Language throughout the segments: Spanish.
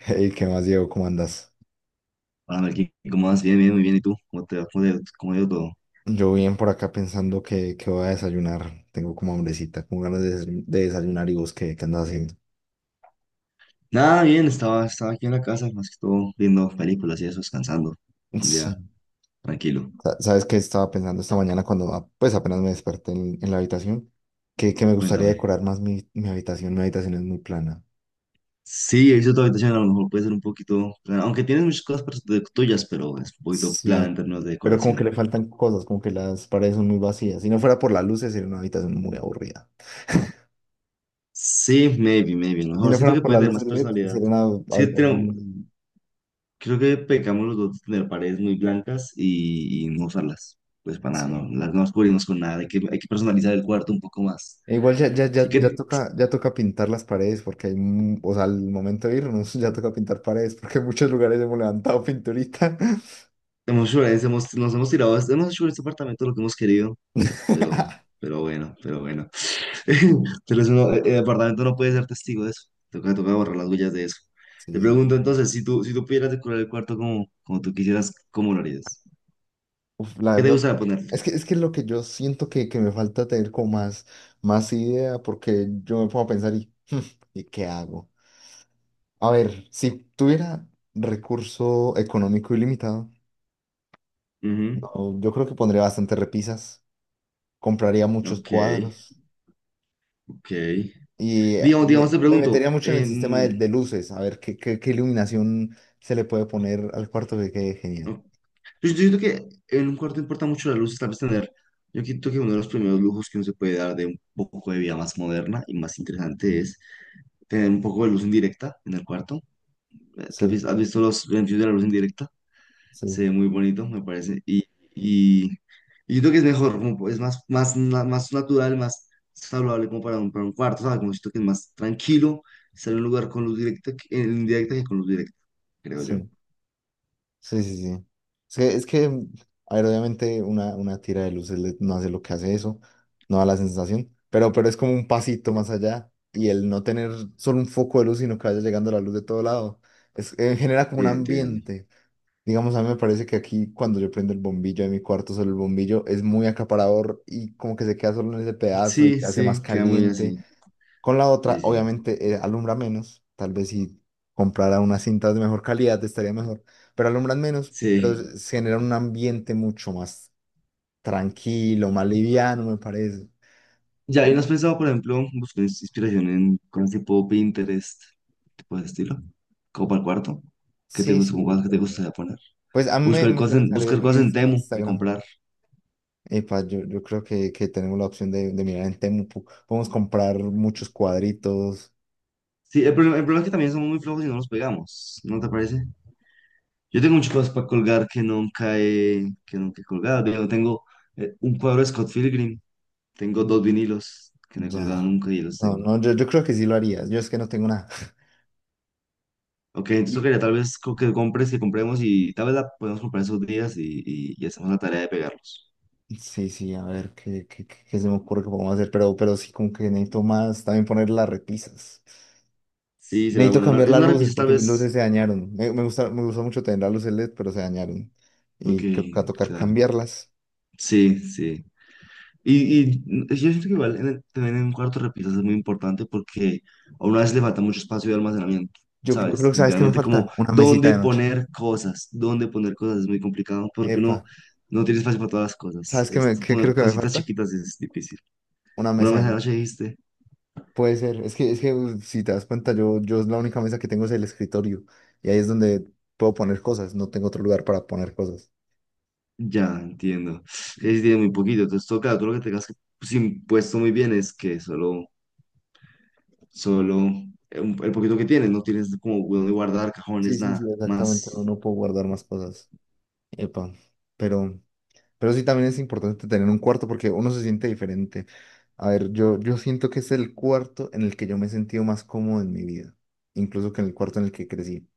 Hey, ¿qué más, Diego? ¿Cómo andas? Ah, aquí, ¿cómo vas? Bien, bien, muy bien. ¿Y tú? ¿Cómo te va? ¿Cómo ha ido todo? Yo bien por acá pensando que voy a desayunar. Tengo como hambrecita, como ganas de desayunar y vos, ¿qué andas haciendo? Nada, bien, estaba aquí en la casa, más que todo viendo películas y eso, descansando. Un Sí. día tranquilo. ¿Sabes qué estaba pensando esta mañana cuando pues apenas me desperté en la habitación? Que me gustaría Cuéntame. decorar más mi habitación. Mi habitación es muy plana. Sí, he visto tu habitación, a lo mejor puede ser un poquito plana, aunque tienes muchas cosas tuyas, pero es un poquito plana en Sí, términos de pero como que decoración. le faltan cosas, como que las paredes son muy vacías. Si no fuera por las luces, sería una habitación muy aburrida. Sí, maybe, maybe. A lo Si mejor no siento fuera que por puede las tener luces más LED, personalidad. sería una Sí, habitación muy... creo que pecamos los dos de tener paredes muy blancas y, no usarlas. Pues para nada, Sí. no, las no las cubrimos con nada. Hay que personalizar el cuarto un poco más. E igual ya, ya, ya, Así ya que toca, ya toca pintar las paredes porque hay, mu- o sea, al momento de irnos ya toca pintar paredes porque en muchos lugares hemos levantado pinturita. hemos hecho violencia, nos hemos tirado, hemos hecho en este apartamento lo que hemos querido, pero, pero bueno. Pero eso no- el apartamento no puede ser testigo de eso. Toca borrar las huellas de eso. Te Sí, sí. pregunto entonces, si tú pudieras decorar el cuarto como tú quisieras, ¿cómo lo harías? Uf, la ¿Qué te verdad, gustaría ponerle? es que lo que yo siento que me falta tener como más, más idea porque yo me pongo a pensar ¿y qué hago? A ver, si tuviera recurso económico ilimitado, Ujú. no, yo creo que pondría bastantes repisas, compraría muchos Ok, cuadros. ok. Y eh, Digamos, me, digamos, te me pregunto, metería mucho en el sistema de, de luces, a ver qué iluminación se le puede poner al cuarto que quede genial. o- yo siento que en un cuarto importa mucho la luz, tal vez tener, yo siento que uno de los primeros lujos que uno se puede dar de un poco de vida más moderna y más interesante tener un poco de luz indirecta en el cuarto. Sí, ¿Has visto los beneficios de la luz indirecta? Se ve sí, muy bonito, me parece. Y, y yo creo que es mejor, como es más, más natural, más saludable como para un cuarto, ¿sabes? Como siento que es más tranquilo estar en un lugar con luz directa, que- en indirecta que con luz directa, creo yo. sí, sí, sí, sí. Sí. Es que, es que, a ver, obviamente una tira de luces no hace lo que hace eso, no da la sensación, pero es como un pasito más allá y el no tener solo un foco de luz, sino que vaya llegando la luz de todo lado, genera como un Llegan, llegan. ambiente. Digamos, a mí me parece que aquí cuando yo prendo el bombillo de mi cuarto, solo el bombillo es muy acaparador y como que se queda solo en ese pedazo y Sí, se hace más sí, queda muy caliente. así. Con la otra, Sí, sí. obviamente, alumbra menos. Tal vez si comprara unas cintas de mejor calidad estaría mejor, pero alumbran menos, pero Sí. se genera un ambiente mucho más tranquilo, más liviano, me parece. Ya, ¿y no has Y- pensado, por ejemplo, buscar inspiración en cosas tipo Pinterest, tipo de ese estilo? Como para el cuarto. ¿Qué te Sí, gusta, como sí, cosas que te puede ser. gustaría poner? Pues a mí me, me suelen salir Buscar cosas en reels en Temu que Instagram. comprar. Epa, yo creo que tenemos la opción de mirar en Temu. Podemos comprar muchos cuadritos. Sí, el problema es que también somos muy flojos y no nos pegamos, ¿no te parece? Yo tengo muchas cosas para colgar que nunca he colgado. Yo tengo un cuadro de Scott Pilgrim, tengo dos vinilos que no he colgado Ya. nunca y los No, tengo. no, yo creo que sí lo haría. Yo es que no tengo nada. Ok, entonces tocaría tal vez que compremos y tal vez la podemos comprar esos días y hacemos la tarea de pegarlos. Y, sí, sí, a ver qué se me ocurre que podemos hacer. Pero sí, como que necesito más también poner las repisas. Sí, será Necesito bueno. Cambiar Es las una luces repisa tal porque mis luces vez. se dañaron. Me gustó mucho tener las luces LED, pero se dañaron. Ok, Y creo que va a tocar claro. cambiarlas. Sí, sí. Y mm, yo siento que igual también en un cuarto de repisas es muy importante porque a una vez le falta mucho espacio de almacenamiento, Yo creo ¿sabes? que, ¿sabes qué me Literalmente como falta? Una mesita de noche. Dónde poner cosas es muy complicado porque Epa, uno no tiene espacio para todas las cosas. ¿sabes qué, Es- me, qué poner creo que me cositas falta? chiquitas es difícil. Una Una mesa vez de anoche noche. dijiste, Puede ser, es que si te das cuenta, yo la única mesa que tengo es el escritorio y ahí es donde puedo poner cosas, no tengo otro lugar para poner cosas. ya entiendo. Que sí tiene muy poquito, entonces toca, tú lo que tengas que, pues, impuesto muy bien es que solo el poquito que tienes, no tienes como dónde guardar Sí, cajones, sí, nada sí, exactamente, no, más. no puedo guardar más cosas. Epa, pero, pero sí también es importante tener un cuarto porque uno se siente diferente. A ver, yo siento que es el cuarto en el que yo me he sentido más cómodo en mi vida, incluso que en el cuarto en el que crecí.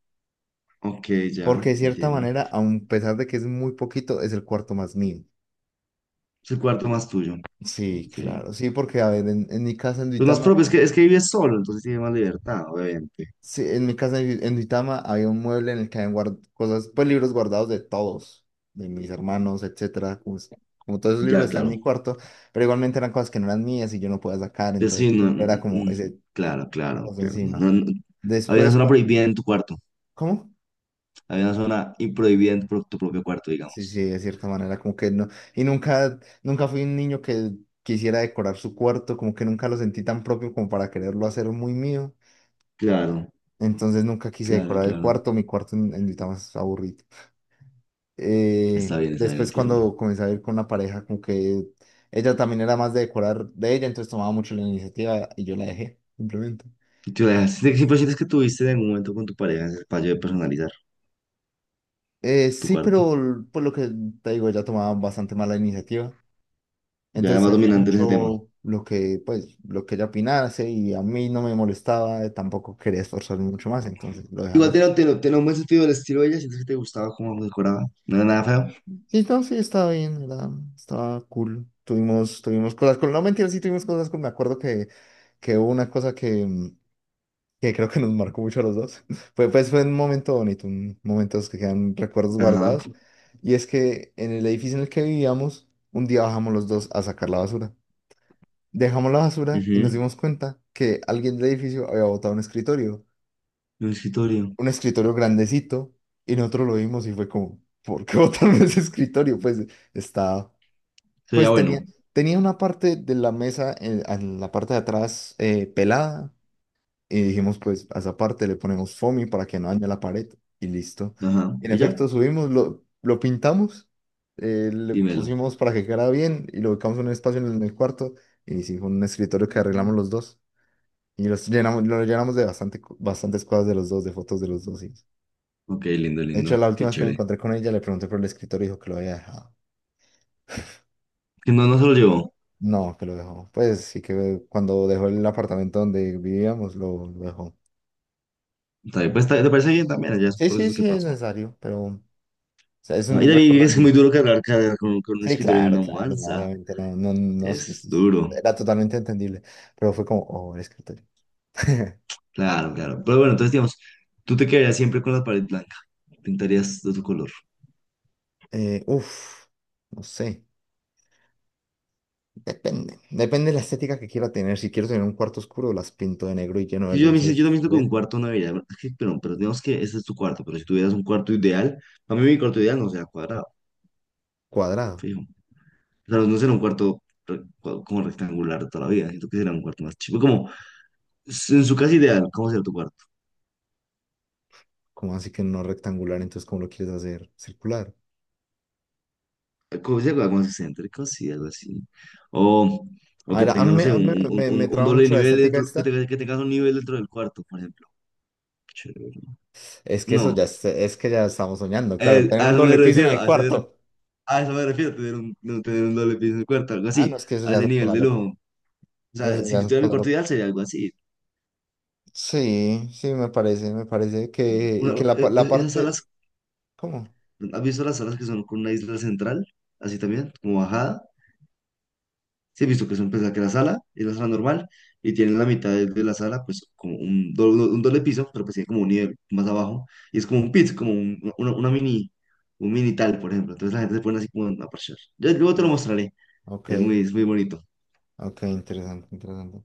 Ok, ya, Porque de cierta entiendo. manera, a pesar de que es muy poquito, es el cuarto más mío. Es el cuarto más tuyo. Sí, Ok. claro, sí, porque a ver, en mi casa en Pues más Duitama. propio, es que vives solo, entonces tienes más libertad, obviamente. Sí, en mi casa en Duitama había un mueble en el que habían pues libros guardados de todos, de mis hermanos, etcétera. Como todos esos libros Ya, están en mi claro. cuarto, pero igualmente eran cosas que no eran mías y yo no podía sacar, Pues entonces sí, no, siempre era como mm, ese claro, claro, cosa claro. encima. No, no, no. Había una Después, zona cuando, prohibida en tu cuarto. ¿cómo? Había una zona y prohibida en tu propio cuarto, Sí, sí, digamos. de cierta manera, como que no. Y nunca fui un niño que quisiera decorar su cuarto, como que nunca lo sentí tan propio como para quererlo hacer muy mío. Claro, Entonces nunca quise claro, decorar el claro. cuarto, mi cuarto en Duitama es aburrido. Está bien, Después entiendo. cuando comencé a ir con una pareja, como que ella también era más de decorar de ella, entonces tomaba mucho la iniciativa y yo la dejé, simplemente. ¿Siempre sientes que tuviste en algún momento con tu pareja ese fallo de personalizar tu Sí, cuarto? pero pues lo que te digo, ella tomaba bastante mala iniciativa. Ya Entonces más hacía dominante en ese tema. mucho lo que, pues, lo que ella opinase y a mí no me molestaba, tampoco quería esforzarme mucho más, entonces lo dejaba Igual así. tiene un buen sentido del estilo de ella, siento que te gustaba cómo decoraba, no era nada feo. Sí, no, sí, estaba bien, era, estaba cool. Tuvimos, tuvimos cosas con, no mentira, sí tuvimos cosas con, me acuerdo que hubo una cosa que creo que nos marcó mucho a los dos. Fue, pues fue un momento bonito, un momentos que quedan recuerdos Ajá, guardados. Y es que en el edificio en el que vivíamos, un día bajamos los dos a sacar la basura. Dejamos la basura y nos ujú. dimos cuenta que alguien del edificio había botado Un escritorio, un escritorio grandecito, y nosotros lo vimos y fue como, ¿por qué botaron ese escritorio? Pues estaba, se veía pues tenía, bueno, tenía una parte de la mesa, en la parte de atrás pelada. Y dijimos, pues a esa parte le ponemos foamy para que no dañe la pared y listo. ajá, En y ya, efecto, subimos, lo pintamos, le dímelo. pusimos para que quedara bien y lo ubicamos en un espacio en el cuarto y hicimos un escritorio que arreglamos los dos y los llenamos, lo llenamos de bastante, bastantes cosas de los dos, de fotos de los dos. Sí. Ok, lindo, De hecho, lindo, la qué última vez que me chévere. encontré con ella le pregunté por el escritorio y dijo que lo había dejado. Que no, no se lo llevó. No, que lo dejó. Pues sí que cuando dejó el apartamento donde vivíamos, lo dejó. Está bien, te parece bien también, ya es un Sí, sí, proceso que sí, es pasó. necesario, pero... O sea, es Ah, y un también es que es muy recuerdo. duro cargar, cargar con un Sí, escritorio de claro, una claro, no, mudanza, obviamente, no, no, no, es duro, era totalmente entendible, pero fue como, oh, el escritorio. claro, claro. Pero bueno, entonces digamos, tú te quedarías siempre con la pared blanca, pintarías de tu color. Uf, no sé, depende, depende de la estética que quiera tener, si quiero tener un cuarto oscuro, las pinto de negro y lleno de Sí, yo, yo también luces siento que un LED. cuarto no debería. Es que, pero digamos que ese es tu cuarto, pero si tuvieras un cuarto ideal, a mí mi cuarto ideal no será cuadrado, Cuadrado, fijo. O sea, no será un cuarto como rectangular toda la vida, siento que será un cuarto más chico. Como en su casa ideal, ¿cómo será tu cuarto? como así que no rectangular, entonces, ¿cómo lo quieres hacer? Circular. Como si algo más excéntrico, sí, algo así. O, o A que ver, a tenga, mí, no me, sé, a mí me- me- me un traba doble mucho la nivel estética dentro, esta, que tengas un nivel dentro del cuarto, por ejemplo. Chévere. es que eso ya, No, es que ya estamos soñando, claro, tener a un eso me doble piso en refiero, el cuarto, a eso me refiero, tener un, no tener un doble piso en el cuarto, algo ah, así, no, es que eso a ya ese es nivel cosa de loca, lujo. O sea, eso ya si es tuviera mi cosa cuarto loca. ideal sería algo así. Sí, sí, me parece que, y Una- que la, pa- la Esas salas, parte, ¿cómo? ¿has visto las salas que son con una isla central? Así también, como bajada. Sí, he visto que son, pues, la que la sala es la sala normal y tienen la mitad de la sala, pues, como un doble piso, pero pues tiene como un nivel más abajo. Y es como un pit, como una mini, un mini tal, por ejemplo. Entonces la gente se pone así como a parchar. Yo luego te Sí. lo mostraré. Ok, Es muy bonito. ok, interesante, interesante.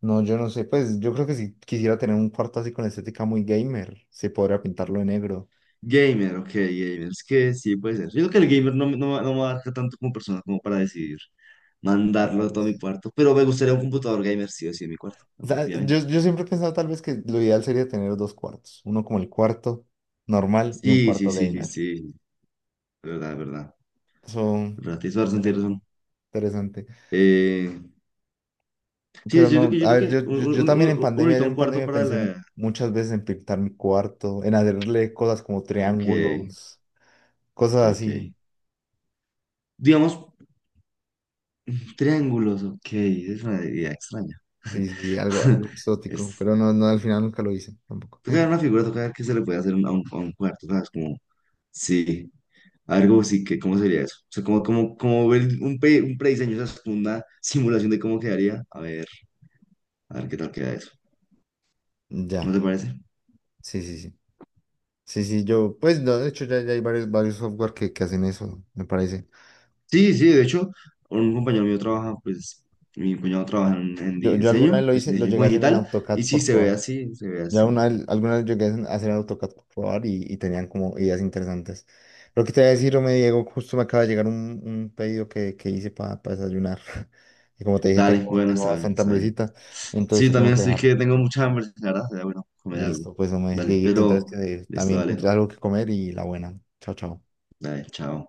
No, yo no sé, pues yo creo que si quisiera tener un cuarto así con estética muy gamer, se podría pintarlo de negro. Gamer, ok, gamer. Es que sí, puede ser. Yo creo que el gamer no, no me abarca tanto como persona como para decidir mandarlo a Claro. todo mi cuarto. Pero me gustaría un computador gamer, sí o sí, en mi cuarto, Sa- Yo, efectivamente. yo siempre he pensado tal vez que lo ideal sería tener dos cuartos, uno como el cuarto normal y un Sí, sí, cuarto sí, sí, gamer. sí. De verdad, de verdad. Eso De verdad, tienes razón, sería tienes razón. interesante. Eh, sí, Pero no, a yo creo ver, que yo, yo, yo también en un pandemia, ahorita yo un en cuarto pandemia para pensé mu- la... muchas veces en pintar mi cuarto, en hacerle cosas como Ok, triángulos, cosas ok, ok. así. Digamos, triángulos, ok. Es una idea extraña. Sí, sí, sí, algo, algo Es, exótico, pero no, no, al final nunca lo hice tampoco. toca ver una figura, toca ver qué se le puede hacer a un cuarto, ¿sabes? Como, sí. Algo así que, ¿cómo sería eso? O sea, como, como, como ver un prediseño, o sea, como una simulación de cómo quedaría. A ver qué tal queda eso. Ya, ¿No te parece? sí, sí, sí. Sí, sí, yo, pues no, de hecho ya, ya hay varios, varios software que hacen eso, me parece. Sí, sí, de hecho, un compañero mío trabaja, pues, mi cuñado trabaja en Yo alguna diseño, vez lo pues, hice, en lo diseño llegué como a hacer en digital, y AutoCAD sí, por se ve probar. así, se ve Ya así. una, algunas alguna llegué a hacer AutoCAD por probar y tenían como ideas interesantes. Lo que te voy a decir, me Diego, justo me acaba de llegar un pedido que hice para desayunar. Y como te dije, Dale, tengo, bueno, tengo está bien, bastante está bien. hambrecita, entonces Sí, te también tengo que estoy dejar. que tengo mucha hambre, la verdad, sería bueno, comer algo. Listo, pues, hombre, Dale, Dieguito, entonces pero, que listo, también encontré dale, algo que comer y la buena. Chao, chao. dale, chao.